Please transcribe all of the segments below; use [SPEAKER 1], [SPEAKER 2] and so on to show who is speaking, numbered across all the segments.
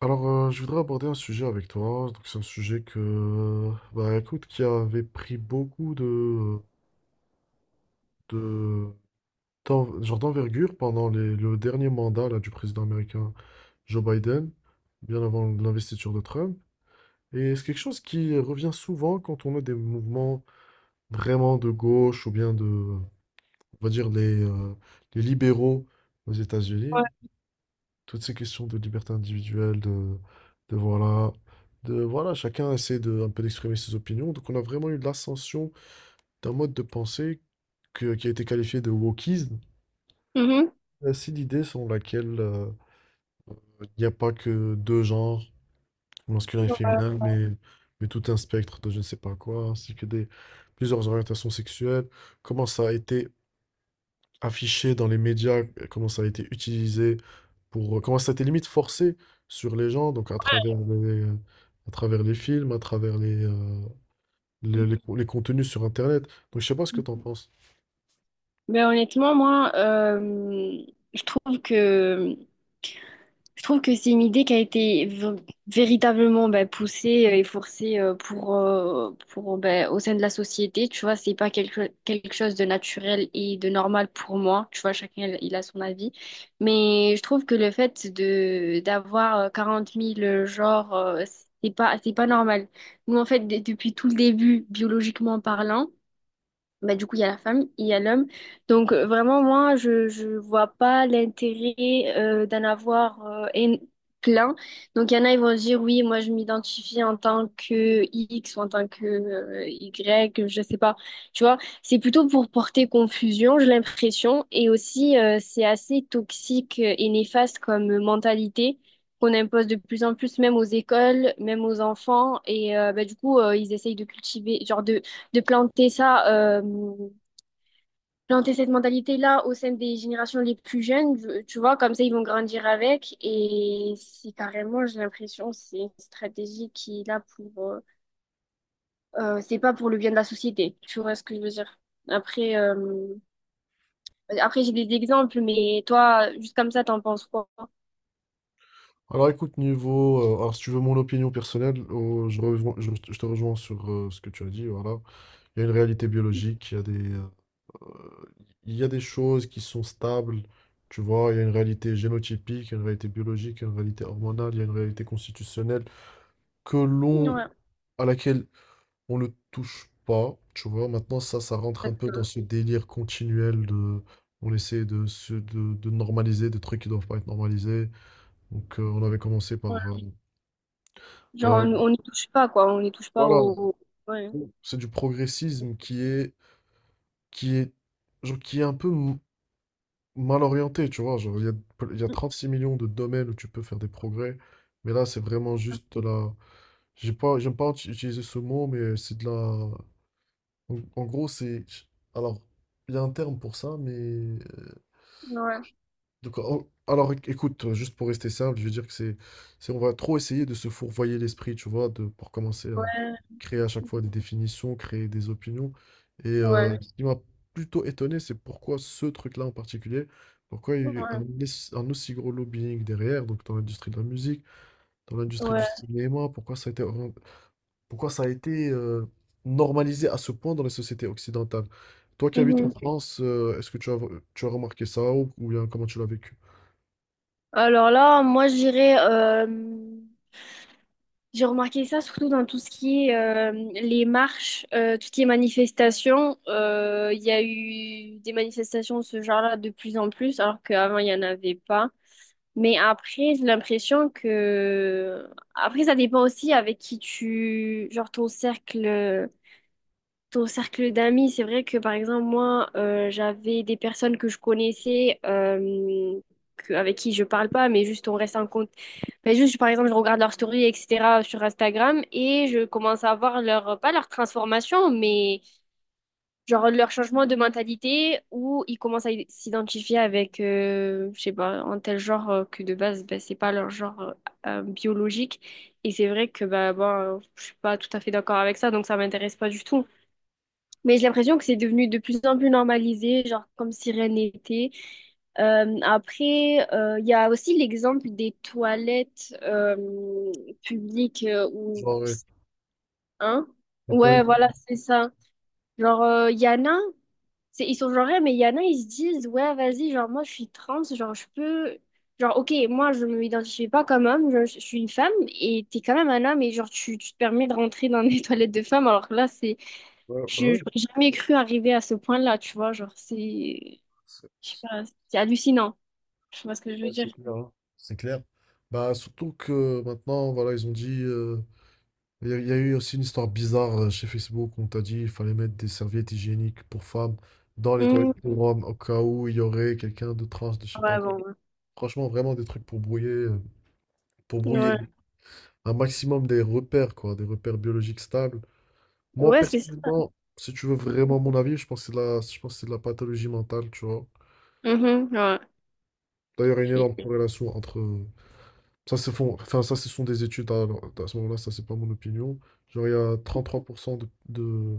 [SPEAKER 1] Je voudrais aborder un sujet avec toi. Donc, c'est un sujet que, écoute, qui avait pris beaucoup de, d'en- genre d'envergure pendant le dernier mandat là, du président américain Joe Biden, bien avant l'investiture de Trump. Et c'est quelque chose qui revient souvent quand on a des mouvements vraiment de gauche ou bien de, on va dire, les libéraux aux États-Unis.
[SPEAKER 2] Ouais.
[SPEAKER 1] Toutes ces questions de liberté individuelle, de voilà, de voilà, chacun essaie de, un peu d'exprimer ses opinions. Donc on a vraiment eu l'ascension d'un mode de pensée qui a été qualifié de wokisme.
[SPEAKER 2] Mhm.
[SPEAKER 1] C'est l'idée selon laquelle il n'y a pas que deux genres, masculin et
[SPEAKER 2] Ouais.
[SPEAKER 1] féminin, mais tout un spectre de je ne sais pas quoi, ainsi que des, plusieurs orientations sexuelles. Comment ça a été affiché dans les médias, comment ça a été utilisé comment ça a été limite forcé sur les gens, donc à travers à travers les films, à travers les contenus sur Internet. Donc je sais pas ce que
[SPEAKER 2] Mhm.
[SPEAKER 1] t'en penses.
[SPEAKER 2] Mais honnêtement, moi, je trouve que je trouve que c'est une idée qui a été véritablement ben, poussée et forcée pour ben, au sein de la société. Tu vois, c'est pas quelque chose de naturel et de normal pour moi. Tu vois, chacun il a son avis. Mais je trouve que le fait de d'avoir 40 000 genres, c'est pas normal. Nous, en fait, depuis tout le début, biologiquement parlant. Bah, du coup, il y a la femme et il y a l'homme. Donc, vraiment, moi, je vois pas l'intérêt d'en avoir plein. Donc, il y en a, ils vont se dire, oui, moi, je m'identifie en tant que X ou en tant que Y, je sais pas. Tu vois, c'est plutôt pour porter confusion, j'ai l'impression. Et aussi, c'est assez toxique et néfaste comme mentalité qu'on impose de plus en plus, même aux écoles, même aux enfants. Et bah, du coup, ils essayent de cultiver, genre de planter ça, planter cette mentalité-là au sein des générations les plus jeunes, tu vois, comme ça ils vont grandir avec. Et c'est carrément, j'ai l'impression, c'est une stratégie qui est là pour, c'est pas pour le bien de la société. Tu vois ce que je veux dire? Après, euh, après, j'ai des exemples, mais toi, juste comme ça, t'en penses quoi?
[SPEAKER 1] Alors écoute, alors si tu veux mon opinion personnelle, je te rejoins sur ce que tu as dit, voilà. Il y a une réalité biologique, euh, il y a des choses qui sont stables, tu vois, il y a une réalité génotypique, il y a une réalité biologique, il y a une réalité hormonale, il y a une réalité constitutionnelle que l'on
[SPEAKER 2] Ouais.
[SPEAKER 1] à laquelle on ne touche pas, tu vois. Maintenant, ça rentre un peu dans ce délire continuel de... On essaie de normaliser des trucs qui doivent pas être normalisés. Donc, on avait commencé
[SPEAKER 2] Ouais.
[SPEAKER 1] par...
[SPEAKER 2] Genre,
[SPEAKER 1] euh,
[SPEAKER 2] on n'y touche pas, quoi. On n'y touche pas
[SPEAKER 1] voilà,
[SPEAKER 2] au. Ouais.
[SPEAKER 1] c'est du progressisme qui est, qui est un peu mal orienté, tu vois. Genre, il y a 36 millions de domaines où tu peux faire des progrès. Mais là, c'est vraiment juste de la... J'ai pas, j'aime pas utiliser ce mot, mais c'est de la... En, en gros, c'est. Alors, il y a un terme pour ça, mais.
[SPEAKER 2] Ouais.
[SPEAKER 1] De quoi- oh, alors, éc- écoute, juste pour rester simple, je veux dire que c'est. On va trop essayer de se fourvoyer l'esprit, tu vois, de, pour commencer à
[SPEAKER 2] Ouais.
[SPEAKER 1] créer à chaque fois des définitions, créer des opinions. Et
[SPEAKER 2] Ouais.
[SPEAKER 1] Ce qui m'a plutôt étonné, c'est pourquoi ce truc-là en particulier, pourquoi il y a eu
[SPEAKER 2] Ouais.
[SPEAKER 1] un aussi gros lobbying derrière, donc dans l'industrie de la musique, dans l'industrie du
[SPEAKER 2] Ouais.
[SPEAKER 1] cinéma, pourquoi ça a été orienté, pourquoi ça a été normalisé à ce point dans les sociétés occidentales? Toi qui habites en
[SPEAKER 2] Mhm.
[SPEAKER 1] France, est-ce que tu as remarqué ça ou bien comment tu l'as vécu?
[SPEAKER 2] Alors là, moi, je dirais, j'ai remarqué ça surtout dans tout ce qui est les marches, tout ce qui est manifestations. Il y a eu des manifestations de ce genre-là de plus en plus, alors qu'avant, il n'y en avait pas. Mais après, j'ai l'impression que... Après, ça dépend aussi avec qui tu... Genre ton cercle d'amis, c'est vrai que par exemple, moi, j'avais des personnes que je connaissais, avec qui je parle pas, mais juste on reste en compte. Mais juste, par exemple, je regarde leurs stories, etc., sur Instagram et je commence à voir leur, pas leur transformation, mais genre leur changement de mentalité où ils commencent à s'identifier avec, je sais pas, un tel genre que de base, ben, c'est pas leur genre biologique. Et c'est vrai que, bah, bon, je suis pas tout à fait d'accord avec ça, donc ça m'intéresse pas du tout. Mais j'ai l'impression que c'est devenu de plus en plus normalisé, genre comme si rien n'était. Après, il y a aussi l'exemple des toilettes publiques ou
[SPEAKER 1] Genre, euh,
[SPEAKER 2] hein?
[SPEAKER 1] et toi-
[SPEAKER 2] Ouais, voilà, c'est ça. Genre, il y en a, c'est, ils sont genre, ouais, mais il y en a, ils se disent, ouais, vas-y, genre, moi, je suis trans, genre, je peux... Genre, ok, moi, je ne m'identifie pas comme homme, je suis une femme, et t'es quand même un homme, et genre, tu te permets de rentrer dans des toilettes de femmes, alors que là, c'est...
[SPEAKER 1] ouais, bah
[SPEAKER 2] Je n'aurais
[SPEAKER 1] ouais,
[SPEAKER 2] jamais cru arriver à ce point-là, tu vois. Genre, c'est.
[SPEAKER 1] c'est
[SPEAKER 2] Je sais
[SPEAKER 1] c'est-
[SPEAKER 2] pas, c'est hallucinant. Je sais pas ce que je
[SPEAKER 1] ouais,
[SPEAKER 2] veux dire.
[SPEAKER 1] c'est clair, hein. C'est clair. Bah, surtout que maintenant, voilà, ils ont dit. Il y a eu aussi une histoire bizarre chez Facebook. On t'a dit qu'il fallait mettre des serviettes hygiéniques pour femmes dans les toilettes
[SPEAKER 2] Mmh,
[SPEAKER 1] pour hommes au cas où il y aurait quelqu'un de trans, de je sais pas
[SPEAKER 2] ouais,
[SPEAKER 1] quoi.
[SPEAKER 2] bon, ouais.
[SPEAKER 1] Franchement, vraiment des trucs pour pour brouiller
[SPEAKER 2] Ouais,
[SPEAKER 1] un maximum des repères, quoi, des repères biologiques stables. Moi,
[SPEAKER 2] ouais, c'est ça.
[SPEAKER 1] personnellement, si tu veux vraiment mon avis, je pense que c'est de la pathologie mentale, tu vois.
[SPEAKER 2] Mhm, ouais.
[SPEAKER 1] D'ailleurs, il y a une
[SPEAKER 2] Puis-
[SPEAKER 1] énorme corrélation entre... Ça, c'est ça, ce sont des études, à ce moment-là, ça, c'est pas mon opinion. Genre, il y a 33%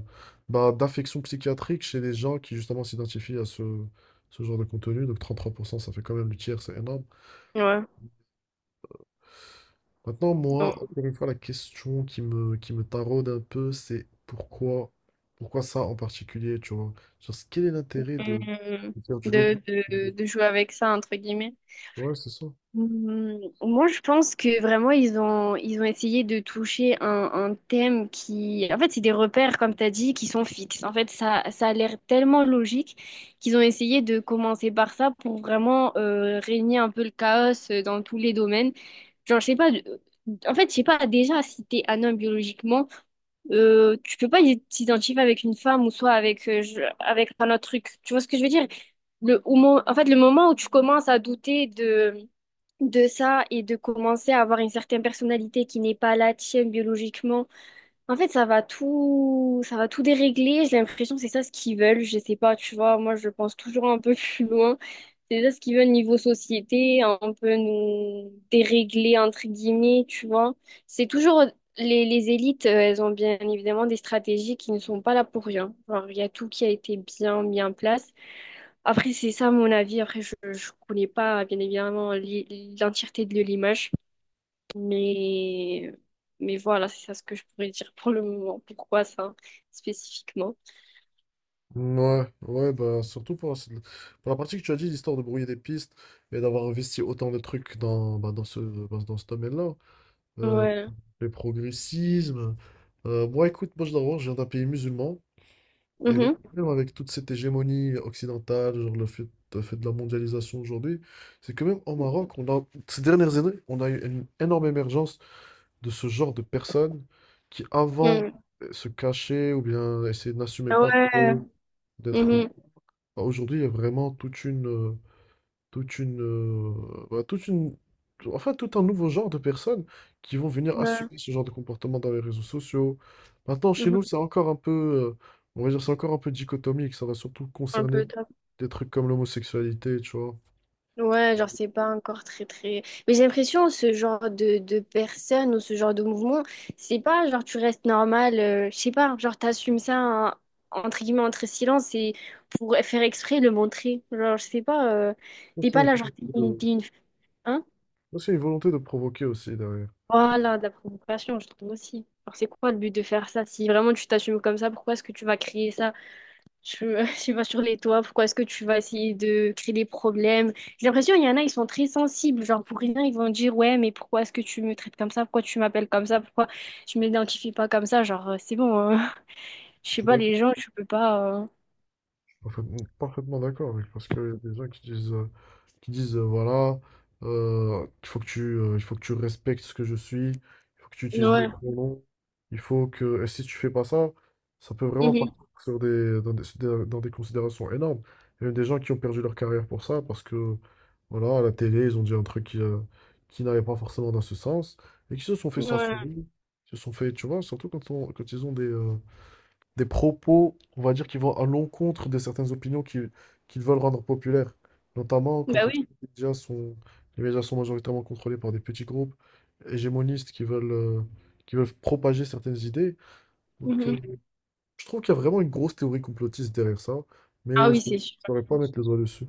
[SPEAKER 1] bah, d'affections psychiatriques chez les gens qui, justement, s'identifient à ce genre de contenu. Donc, 33% ça fait quand même le tiers, c'est énorme.
[SPEAKER 2] ouais.
[SPEAKER 1] Maintenant, moi,
[SPEAKER 2] Bon.
[SPEAKER 1] encore une fois, la question qui me taraude un peu, pourquoi ça en particulier, tu vois? Quel est l'intérêt
[SPEAKER 2] Mmh,
[SPEAKER 1] de faire du
[SPEAKER 2] De,
[SPEAKER 1] lobby?
[SPEAKER 2] de, de jouer avec ça, entre guillemets.
[SPEAKER 1] Ouais, c'est ça.
[SPEAKER 2] Hmm, moi, je pense que vraiment, ils ont essayé de toucher un thème qui... En fait, c'est des repères, comme tu as dit, qui sont fixes. En fait, ça a l'air tellement logique qu'ils ont essayé de commencer par ça pour vraiment régner un peu le chaos dans tous les domaines. Genre, je sais pas... En fait, je sais pas, déjà, si t'es un homme biologiquement, tu peux pas t'identifier avec une femme ou soit avec, avec un autre truc. Tu vois ce que je veux dire? En fait, le moment où tu commences à douter de ça et de commencer à avoir une certaine personnalité qui n'est pas la tienne biologiquement. En fait, ça va tout dérégler. J'ai l'impression que c'est ça ce qu'ils veulent. Je sais pas, tu vois, moi je pense toujours un peu plus loin. C'est ça ce qu'ils veulent niveau société, un peu nous dérégler entre guillemets, tu vois. C'est toujours les élites, elles ont bien évidemment des stratégies qui ne sont pas là pour rien. Genre, il y a tout qui a été bien mis en place. Après, c'est ça mon avis. Après, je ne connais pas, bien évidemment, l'entièreté de l'image. Mais, mais, voilà, c'est ça ce que je pourrais dire pour le moment. Pourquoi ça, spécifiquement?
[SPEAKER 1] Ouais, ouais, bah surtout pour la partie que tu as dit, l'histoire de brouiller des pistes et d'avoir investi autant de trucs dans, bah, dans ce domaine-là. Euh,
[SPEAKER 2] Ouais.
[SPEAKER 1] le progressisme. Moi, écoute, moi, je d'abord, je viens d'un pays musulman. Et le
[SPEAKER 2] Mhm.
[SPEAKER 1] problème avec toute cette hégémonie occidentale, le fait de la mondialisation aujourd'hui, c'est que même au Maroc, on a, ces dernières années, on a eu une énorme émergence de ce genre de personnes qui avant
[SPEAKER 2] Mm.
[SPEAKER 1] se cachaient ou bien essayaient de n'assumer
[SPEAKER 2] Ah,
[SPEAKER 1] pas
[SPEAKER 2] ouais.
[SPEAKER 1] trop d'être...
[SPEAKER 2] Mhm.
[SPEAKER 1] bah, aujourd'hui, il y a vraiment toute une, bah, toute une, tout- enfin, tout un nouveau genre de personnes qui vont venir
[SPEAKER 2] Ouais.
[SPEAKER 1] assumer ce genre de comportement dans les réseaux sociaux. Maintenant, chez
[SPEAKER 2] Mhm.
[SPEAKER 1] nous, c'est encore un peu, on va dire, c'est encore un peu dichotomique. Ça va surtout
[SPEAKER 2] Un peu.
[SPEAKER 1] concerner des trucs comme l'homosexualité, tu vois.
[SPEAKER 2] Ouais, genre, c'est pas encore très, très... Mais j'ai l'impression, ce genre de personnes ou ce genre de mouvement, c'est pas genre, tu restes normal, je sais pas, genre, t'assumes ça, hein, entre guillemets, entre silence et pour faire exprès, le montrer. Genre, je sais pas,
[SPEAKER 1] Ça,
[SPEAKER 2] t'es
[SPEAKER 1] C'est
[SPEAKER 2] pas
[SPEAKER 1] une
[SPEAKER 2] là, genre,
[SPEAKER 1] volonté de,
[SPEAKER 2] hein?
[SPEAKER 1] ça, c'est une volonté de provoquer aussi derrière.
[SPEAKER 2] Voilà, de la provocation, je trouve aussi. Alors, c'est quoi le but de faire ça? Si vraiment tu t'assumes comme ça, pourquoi est-ce que tu vas créer ça? Je, je sais pas sur les toits, pourquoi est-ce que tu vas essayer de créer des problèmes? J'ai l'impression il y en a, ils sont très sensibles, genre pour rien, ils vont dire ouais, mais pourquoi est-ce que tu me traites comme ça? Pourquoi tu m'appelles comme ça? Pourquoi je m'identifie pas comme ça? Genre c'est bon, hein. Je sais pas les gens, tu peux pas.
[SPEAKER 1] Parfaitement, parfaitement d'accord avec parce qu'il y a des gens qui disent voilà il faut que tu respectes ce que je suis, il faut que tu utilises mes
[SPEAKER 2] Ouais.
[SPEAKER 1] pronoms, il faut que et si tu fais pas ça, ça peut vraiment
[SPEAKER 2] Mhm.
[SPEAKER 1] partir dans des considérations énormes. Il y a même des gens qui ont perdu leur carrière pour ça parce que voilà à la télé ils ont dit un truc qui n'allait pas forcément dans ce sens et qui se sont fait
[SPEAKER 2] Ouais.
[SPEAKER 1] censurer, se sont fait tu vois surtout quand quand ils ont des propos, on va dire, qui vont à l'encontre de certaines opinions qu'ils veulent rendre populaires. Notamment
[SPEAKER 2] Bah
[SPEAKER 1] quand on sait
[SPEAKER 2] oui.
[SPEAKER 1] que les médias sont majoritairement contrôlés par des petits groupes hégémonistes qui qui veulent propager certaines idées. Donc,
[SPEAKER 2] Mhm.
[SPEAKER 1] je trouve qu'il y a vraiment une grosse théorie complotiste derrière ça,
[SPEAKER 2] Ah
[SPEAKER 1] mais
[SPEAKER 2] oui,
[SPEAKER 1] je ne
[SPEAKER 2] c'est sûr.
[SPEAKER 1] saurais pas mettre les doigts dessus.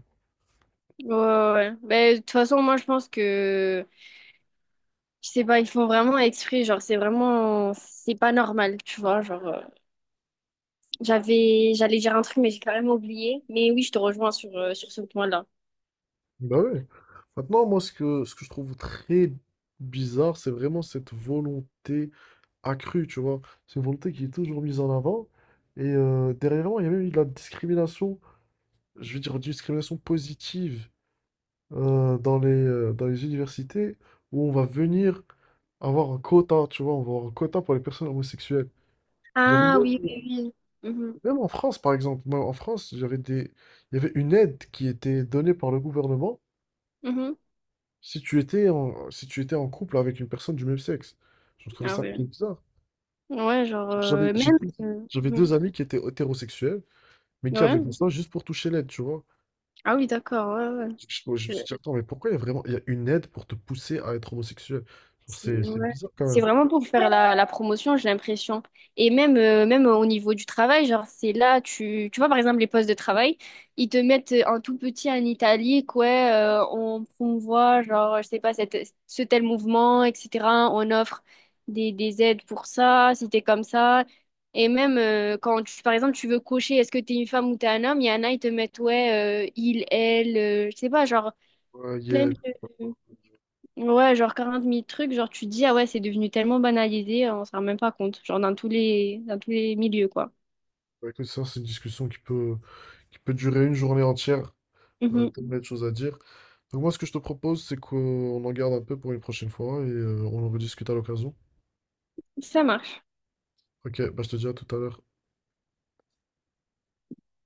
[SPEAKER 2] Ouais, ouais, ouais. Ben, de toute façon, moi, je pense que, je sais pas, ils font vraiment exprès, genre, c'est vraiment, c'est pas normal, tu vois, genre. J'avais, j'allais dire un truc, mais j'ai carrément oublié. Mais oui, je te rejoins sur ce point-là.
[SPEAKER 1] Bah ouais. Maintenant, moi, ce que je trouve très bizarre, c'est vraiment cette volonté accrue, tu vois. C'est une volonté qui est toujours mise en avant. Et derrière moi, il y a même eu de la discrimination, je veux dire, une discrimination positive dans les universités où on va venir avoir un quota, tu vois, on va avoir un quota pour les personnes homosexuelles. J'avais
[SPEAKER 2] Ah
[SPEAKER 1] même
[SPEAKER 2] oui, oui, oui. Mhm,
[SPEAKER 1] même en France, par exemple, moi, en France, il y avait une aide qui était donnée par le gouvernement
[SPEAKER 2] mhm.
[SPEAKER 1] si tu étais si tu étais en couple avec une personne du même sexe. Je trouvais
[SPEAKER 2] Ah
[SPEAKER 1] ça très
[SPEAKER 2] oui.
[SPEAKER 1] bizarre.
[SPEAKER 2] Ouais, genre,
[SPEAKER 1] J'avais j'ai
[SPEAKER 2] même.
[SPEAKER 1] deux j'avais
[SPEAKER 2] Mhm.
[SPEAKER 1] deux amis qui étaient hétérosexuels, mais qui avait
[SPEAKER 2] Ouais.
[SPEAKER 1] fait ça juste pour toucher l'aide, tu vois.
[SPEAKER 2] Ah oui, d'accord, ouais,
[SPEAKER 1] Parce je me suis
[SPEAKER 2] ouais.
[SPEAKER 1] dit, attends, mais pourquoi il y a une aide pour te pousser à être homosexuel? Genre,
[SPEAKER 2] C'est
[SPEAKER 1] C'est c'est
[SPEAKER 2] ouais.
[SPEAKER 1] bizarre quand
[SPEAKER 2] C'est
[SPEAKER 1] même.
[SPEAKER 2] vraiment pour faire la promotion, j'ai l'impression. Et même, même au niveau du travail, genre, c'est là, tu vois, par exemple, les postes de travail, ils te mettent un tout petit en italique, ouais, on promouvoit, genre, je sais pas, ce tel mouvement, etc. On offre des aides pour ça, si t'es comme ça. Et même quand, par exemple, tu veux cocher, est-ce que t'es une femme ou t'es un homme, il y en a, ils te mettent, ouais, il, elle, je sais pas, genre,
[SPEAKER 1] Ouais,
[SPEAKER 2] plein
[SPEAKER 1] il
[SPEAKER 2] de... Ouais, genre 40 000 trucs, genre tu te dis, ah ouais, c'est devenu tellement banalisé, on s'en rend même pas compte, genre dans tous les milieux, quoi.
[SPEAKER 1] ouais, écoute, ça, c'est une discussion qui peut durer une journée entière.
[SPEAKER 2] Mhm.
[SPEAKER 1] Tellement de choses à dire. Donc moi, ce que je te propose, c'est qu'on en garde un peu pour une prochaine fois et on en rediscute à l'occasion.
[SPEAKER 2] Ça marche.
[SPEAKER 1] Ok, bah je te dis à tout à l'heure.